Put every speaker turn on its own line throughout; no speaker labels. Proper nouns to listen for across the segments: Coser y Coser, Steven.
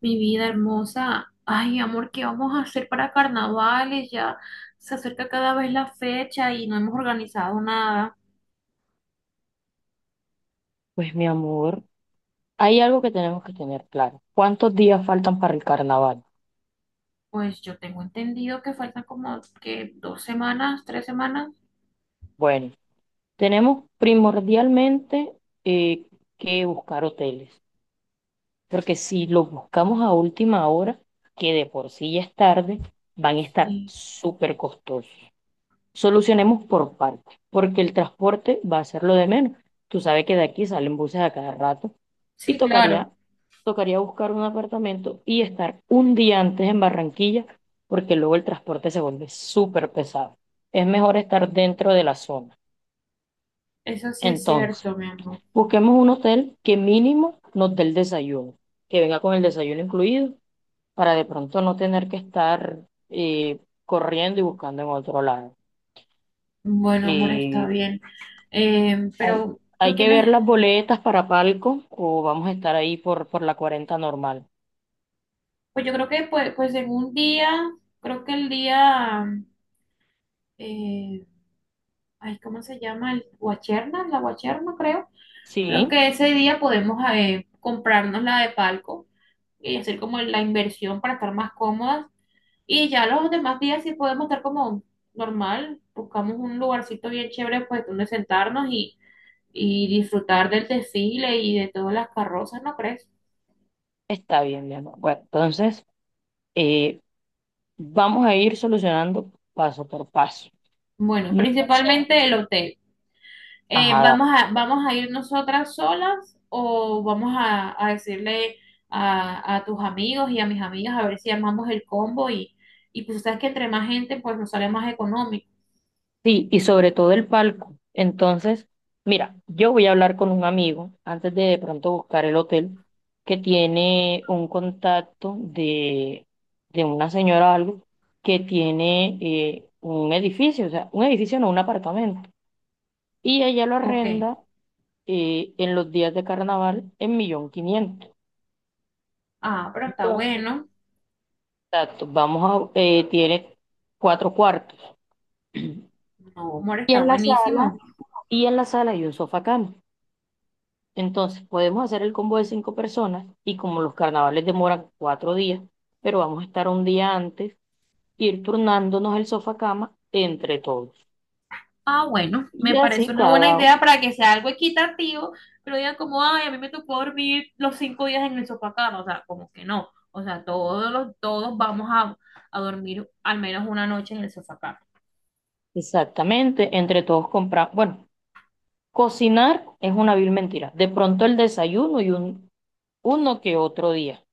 Mi vida hermosa, ay amor, ¿qué vamos a hacer para carnavales? Ya se acerca cada vez la fecha y no hemos organizado nada.
Pues mi amor, hay algo que tenemos que tener claro. ¿Cuántos días faltan para el carnaval?
Pues yo tengo entendido que faltan como que 2 semanas, 3 semanas.
Bueno, tenemos primordialmente eh, que buscar hoteles, porque si los buscamos a última hora, que de por sí ya es tarde, van a estar
Sí,
súper costosos. Solucionemos por partes, porque el transporte va a ser lo de menos. Tú sabes que de aquí salen buses a cada rato y
sí, claro,
tocaría buscar un apartamento y estar un día antes en Barranquilla, porque luego el transporte se vuelve súper pesado. Es mejor estar dentro de la zona.
eso sí es
Entonces,
cierto, mi amor.
busquemos un hotel que mínimo nos dé el desayuno, que venga con el desayuno incluido, para de pronto no tener que estar eh, corriendo y buscando en otro lado.
Bueno, amor, está
Eh,
bien.
hay,
Pero
hay
tú
que ver
tienes,
las boletas para palco o vamos a estar ahí por la 40 normal.
pues yo creo que pues en un día, creo que el día, eh, ay, ¿cómo se llama? El guacherna, la guacherna, creo. Creo
Sí.
que ese día podemos comprarnos la de palco y hacer como la inversión para estar más cómodas. Y ya los demás días sí podemos estar como normal, buscamos un lugarcito bien chévere pues donde sentarnos y disfrutar del desfile y de todas las carrozas, ¿no crees?
Está bien, mi amor. Bueno, entonces eh, vamos a ir solucionando paso por paso.
Bueno,
No sé.
principalmente el hotel. eh,
Ajá. Dale.
vamos a, vamos a ir nosotras solas o vamos a decirle a tus amigos y a mis amigas a ver si armamos el combo y pues sabes que entre más gente pues nos sale más económico.
Sí, y sobre todo el palco. Entonces, mira, yo voy a hablar con un amigo antes de pronto buscar el hotel que tiene un contacto de una señora o algo que tiene un edificio, o sea, un edificio no, un apartamento. Y ella lo
Ok,
arrenda en los días de carnaval en un millón quinientos.
ah,
mil.
pero está
Entonces,
bueno.
exacto, tiene cuatro cuartos.
No, amor,
Y
está
en la sala,
buenísimo.
y en la sala hay un sofá cama. Entonces, podemos hacer el combo de cinco personas y como los carnavales demoran 4 días, pero vamos a estar un día antes, ir turnándonos el sofá cama entre todos.
Ah, bueno,
Y
me
así
parece una buena
cada,
idea para que sea algo equitativo, pero digan como, ay, a mí me tocó dormir los 5 días en el sofá cama, o sea, como que no. O sea, todos vamos a dormir al menos una noche en el sofá cama.
exactamente, entre todos comprar. Bueno, cocinar es una vil mentira. De pronto el desayuno y uno que otro día.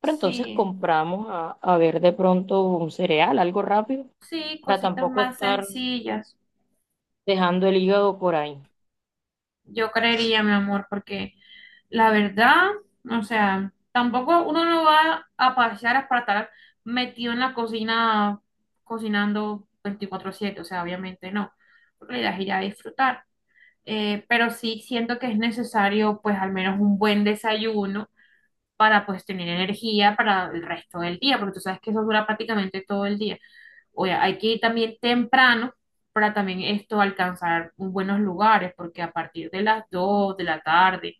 Pero entonces
Sí,
compramos a ver de pronto un cereal, algo rápido,
sí,
para
cositas
tampoco
más
estar
sencillas,
dejando el hígado por ahí.
yo creería, mi amor, porque la verdad, o sea, tampoco uno no va a pasear para estar metido en la cocina cocinando 24/7. O sea, obviamente no, porque la idea es ir a disfrutar. Pero sí siento que es necesario, pues, al menos un buen desayuno para, pues, tener energía para el resto del día, porque tú sabes que eso dura prácticamente todo el día. O hay que ir también temprano para también esto alcanzar buenos lugares, porque a partir de las 2 de la tarde,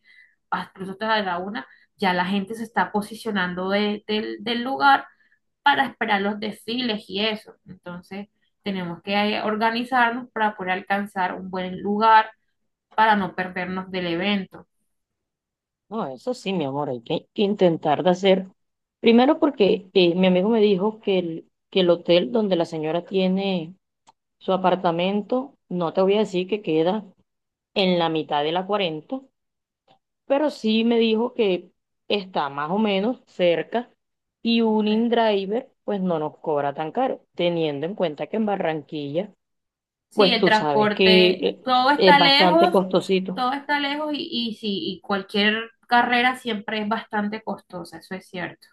incluso hasta la 1, ya la gente se está posicionando del lugar para esperar los desfiles y eso. Entonces, tenemos que organizarnos para poder alcanzar un buen lugar para no perdernos del evento.
No, eso sí, mi amor, hay que intentar de hacer. Primero porque mi amigo me dijo que el hotel donde la señora tiene su apartamento, no te voy a decir que queda en la mitad de la 40, pero sí me dijo que está más o menos cerca y un
Ok.
InDriver pues no nos cobra tan caro, teniendo en cuenta que en Barranquilla
Sí,
pues
el
tú sabes que
transporte,
es bastante costosito.
todo está lejos y sí, y cualquier carrera siempre es bastante costosa, eso es cierto.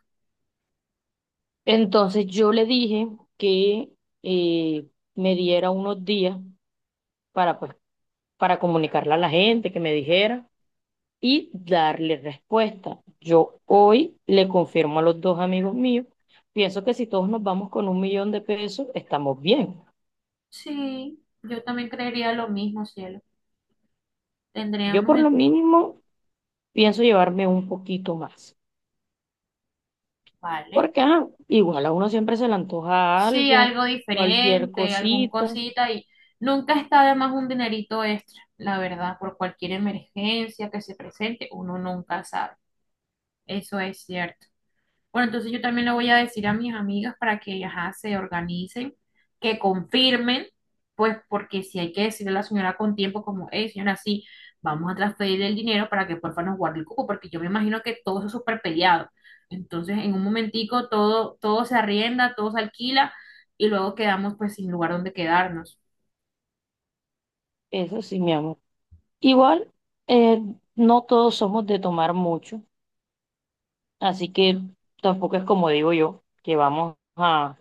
Entonces yo le dije que eh, me diera unos días para, pues, para comunicarle a la gente, que me dijera y darle respuesta. Yo hoy le confirmo a los dos amigos míos, pienso que si todos nos vamos con 1.000.000 de pesos, estamos bien.
Sí, yo también creería lo mismo, cielo.
Yo
Tendríamos
por lo
el...
mínimo pienso llevarme un poquito más,
Vale.
porque ajá, igual a uno siempre se le antoja
Sí,
algo,
algo
cualquier
diferente, algún
cosita,
cosita y nunca está de más un dinerito extra, la verdad, por cualquier emergencia que se presente, uno nunca sabe. Eso es cierto. Bueno, entonces yo también le voy a decir a mis amigas para que, ajá, se organicen, que confirmen, pues porque si hay que decirle a la señora con tiempo, como, hey, señora, sí, vamos a transferirle el dinero para que porfa nos guarde el cupo, porque yo me imagino que todo eso es súper peleado. Entonces, en un momentico todo, se arrienda, todo se alquila y luego quedamos pues sin lugar donde quedarnos.
eso sí, mi amor. Igual, eh, no todos somos de tomar mucho, así que tampoco es como digo yo, que vamos a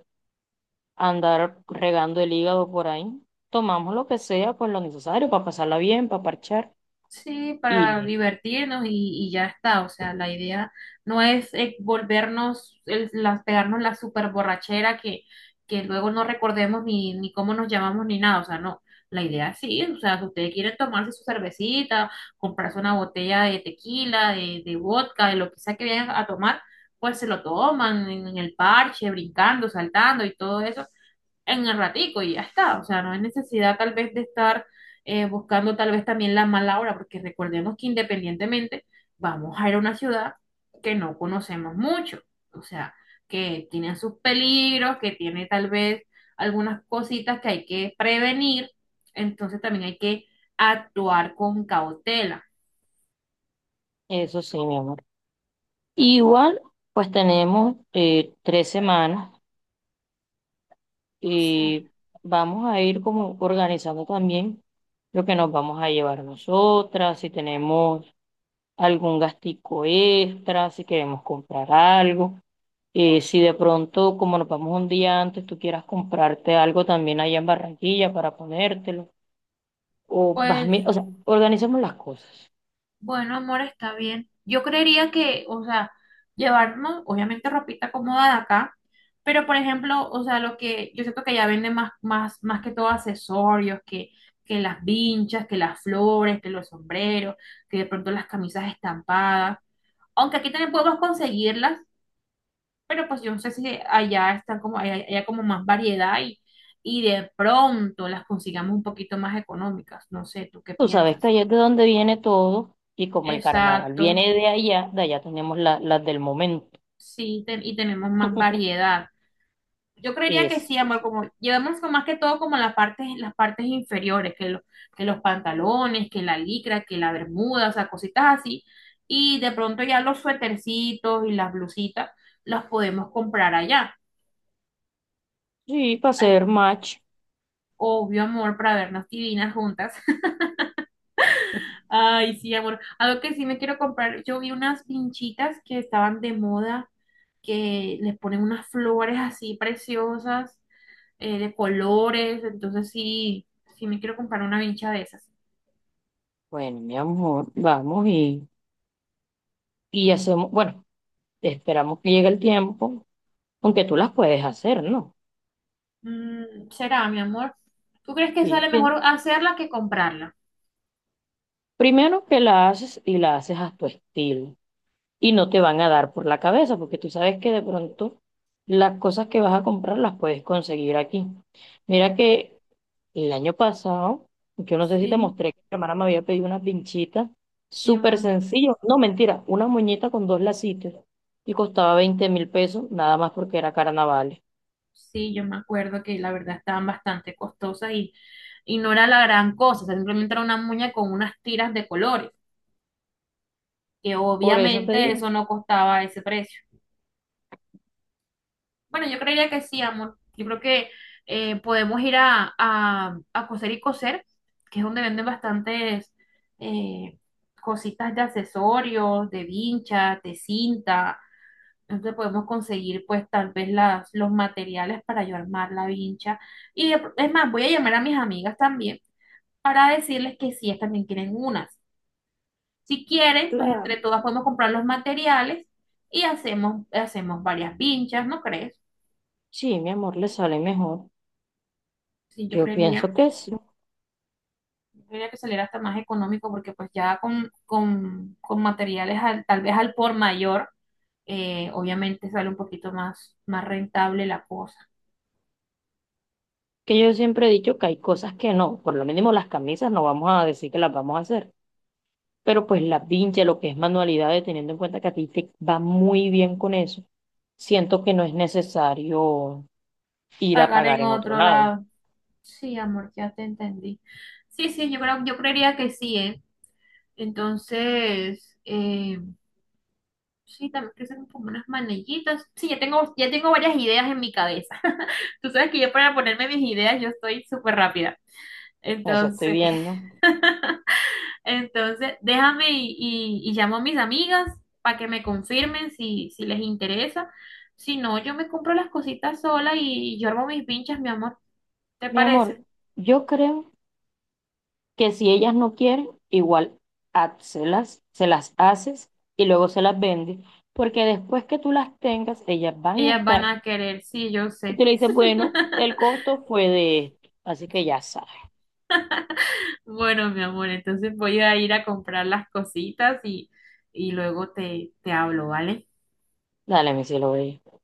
andar regando el hígado por ahí. Tomamos lo que sea, pues lo necesario para pasarla bien, para parchar
Sí,
y
para
listo.
divertirnos y ya está. O sea, la idea no es volvernos, pegarnos la super borrachera que luego no recordemos ni cómo nos llamamos ni nada. O sea, no. La idea sí, o sea, si ustedes quieren tomarse su cervecita, comprarse una botella de tequila, de vodka, de lo que sea que vayan a tomar, pues se lo toman en el parche, brincando, saltando y todo eso en el ratico y ya está. O sea, no hay necesidad tal vez de estar buscando tal vez también la mala hora, porque recordemos que independientemente vamos a ir a una ciudad que no conocemos mucho, o sea, que tiene sus peligros, que tiene tal vez algunas cositas que hay que prevenir, entonces también hay que actuar con cautela.
Eso sí, mi amor. Igual, pues tenemos 3 semanas
Sí.
y vamos a ir como organizando también lo que nos vamos a llevar nosotras, si tenemos algún gastico extra, si queremos comprar algo. Si de pronto, como nos vamos un día antes, tú quieras comprarte algo también allá en Barranquilla para ponértelo,
Pues
o sea, organicemos las cosas.
bueno, amor, está bien. Yo creería que, o sea, llevarnos, obviamente, ropita cómoda de acá, pero por ejemplo, o sea, lo que yo siento que ya venden más que todo accesorios, que las vinchas, que las flores, que los sombreros, que de pronto las camisas estampadas. Aunque aquí también podemos conseguirlas, pero pues yo no sé si allá están como, como más variedad y de pronto las consigamos un poquito más económicas. No sé, ¿tú qué
Tú sabes que
piensas?
allá es de donde viene todo, y como el carnaval
Exacto.
viene de allá tenemos las del momento.
Sí, y tenemos más variedad. Yo creería que sí,
Eso
amor,
sí.
como llevamos más que todo como las partes inferiores, que los pantalones, que la licra, que la bermuda, o sea, cositas así. Y de pronto ya los suétercitos y las blusitas las podemos comprar allá.
Sí, para
Ay,
hacer match.
obvio, amor, para vernos divinas juntas. Ay, sí, amor. Algo que sí me quiero comprar, yo vi unas pinchitas que estaban de moda, que les ponen unas flores así preciosas. De colores, entonces sí, sí me quiero comprar una vincha de esas.
Bueno, mi amor, vamos y hacemos, bueno, esperamos que llegue el tiempo, aunque tú las puedes hacer, ¿no?
Mm, será, mi amor. ¿Tú crees que
Sí,
sale mejor hacerla que comprarla?
primero que la haces y la haces a tu estilo. Y no te van a dar por la cabeza, porque tú sabes que de pronto las cosas que vas a comprar las puedes conseguir aquí. Mira que el año pasado, yo no sé si te
Sí,
mostré que mi hermana me había pedido unas pinchitas
sí,
súper
mm,
sencillo, no mentira, una muñeca con dos lacitos y costaba 20.000 pesos, nada más porque era carnaval.
sí, yo me acuerdo que la verdad estaban bastante costosas y no era la gran cosa, o sea, simplemente era una muña con unas tiras de colores, que
Por eso te
obviamente
digo,
eso no costaba ese precio. Bueno, yo creería que sí, amor. Yo creo que podemos ir a Coser y Coser, que es donde venden bastantes eh, cositas de accesorios, de vinchas, de cinta. Entonces podemos conseguir pues tal vez los materiales para yo armar la vincha. Y es más, voy a llamar a mis amigas también para decirles que si ellas también quieren unas. Si quieren, pues
claro,
entre todas podemos comprar los materiales y hacemos varias vinchas, ¿no crees?
sí, mi amor, le sale mejor.
Sí, yo
Yo pienso
creería.
que sí,
Tendría que salir hasta más económico porque pues ya con materiales tal vez al por mayor, obviamente sale un poquito más rentable la cosa.
que yo siempre he dicho que hay cosas que no, por lo mínimo las camisas no vamos a decir que las vamos a hacer. Pero pues la vincha, lo que es manualidades, teniendo en cuenta que a ti te va muy bien con eso, siento que no es necesario ir a
Pagar
pagar
en
en otro
otro
lado.
lado. Sí, amor, ya te entendí. Sí, sí, yo creería que sí, ¿eh? Entonces, sí, también que hacer como unas manillitas. Sí, ya tengo varias ideas en mi cabeza. Tú sabes que yo para ponerme mis ideas yo estoy súper rápida.
Eso estoy
Entonces.
viendo.
Entonces, déjame y llamo a mis amigas para que me confirmen si les interesa. Si no, yo me compro las cositas sola y yo armo mis pinchas, mi amor. ¿Te
Mi amor,
parece?
yo creo que si ellas no quieren, igual hazlas, se las haces y luego se las vendes, porque después que tú las tengas, ellas van a
Ellas van
estar.
a querer, sí, yo
Y
sé.
tú le dices, bueno, el costo fue de esto, así que ya sabes.
Bueno, mi amor, entonces voy a ir a comprar las cositas y luego te hablo, ¿vale?
Dale, mi cielo bello.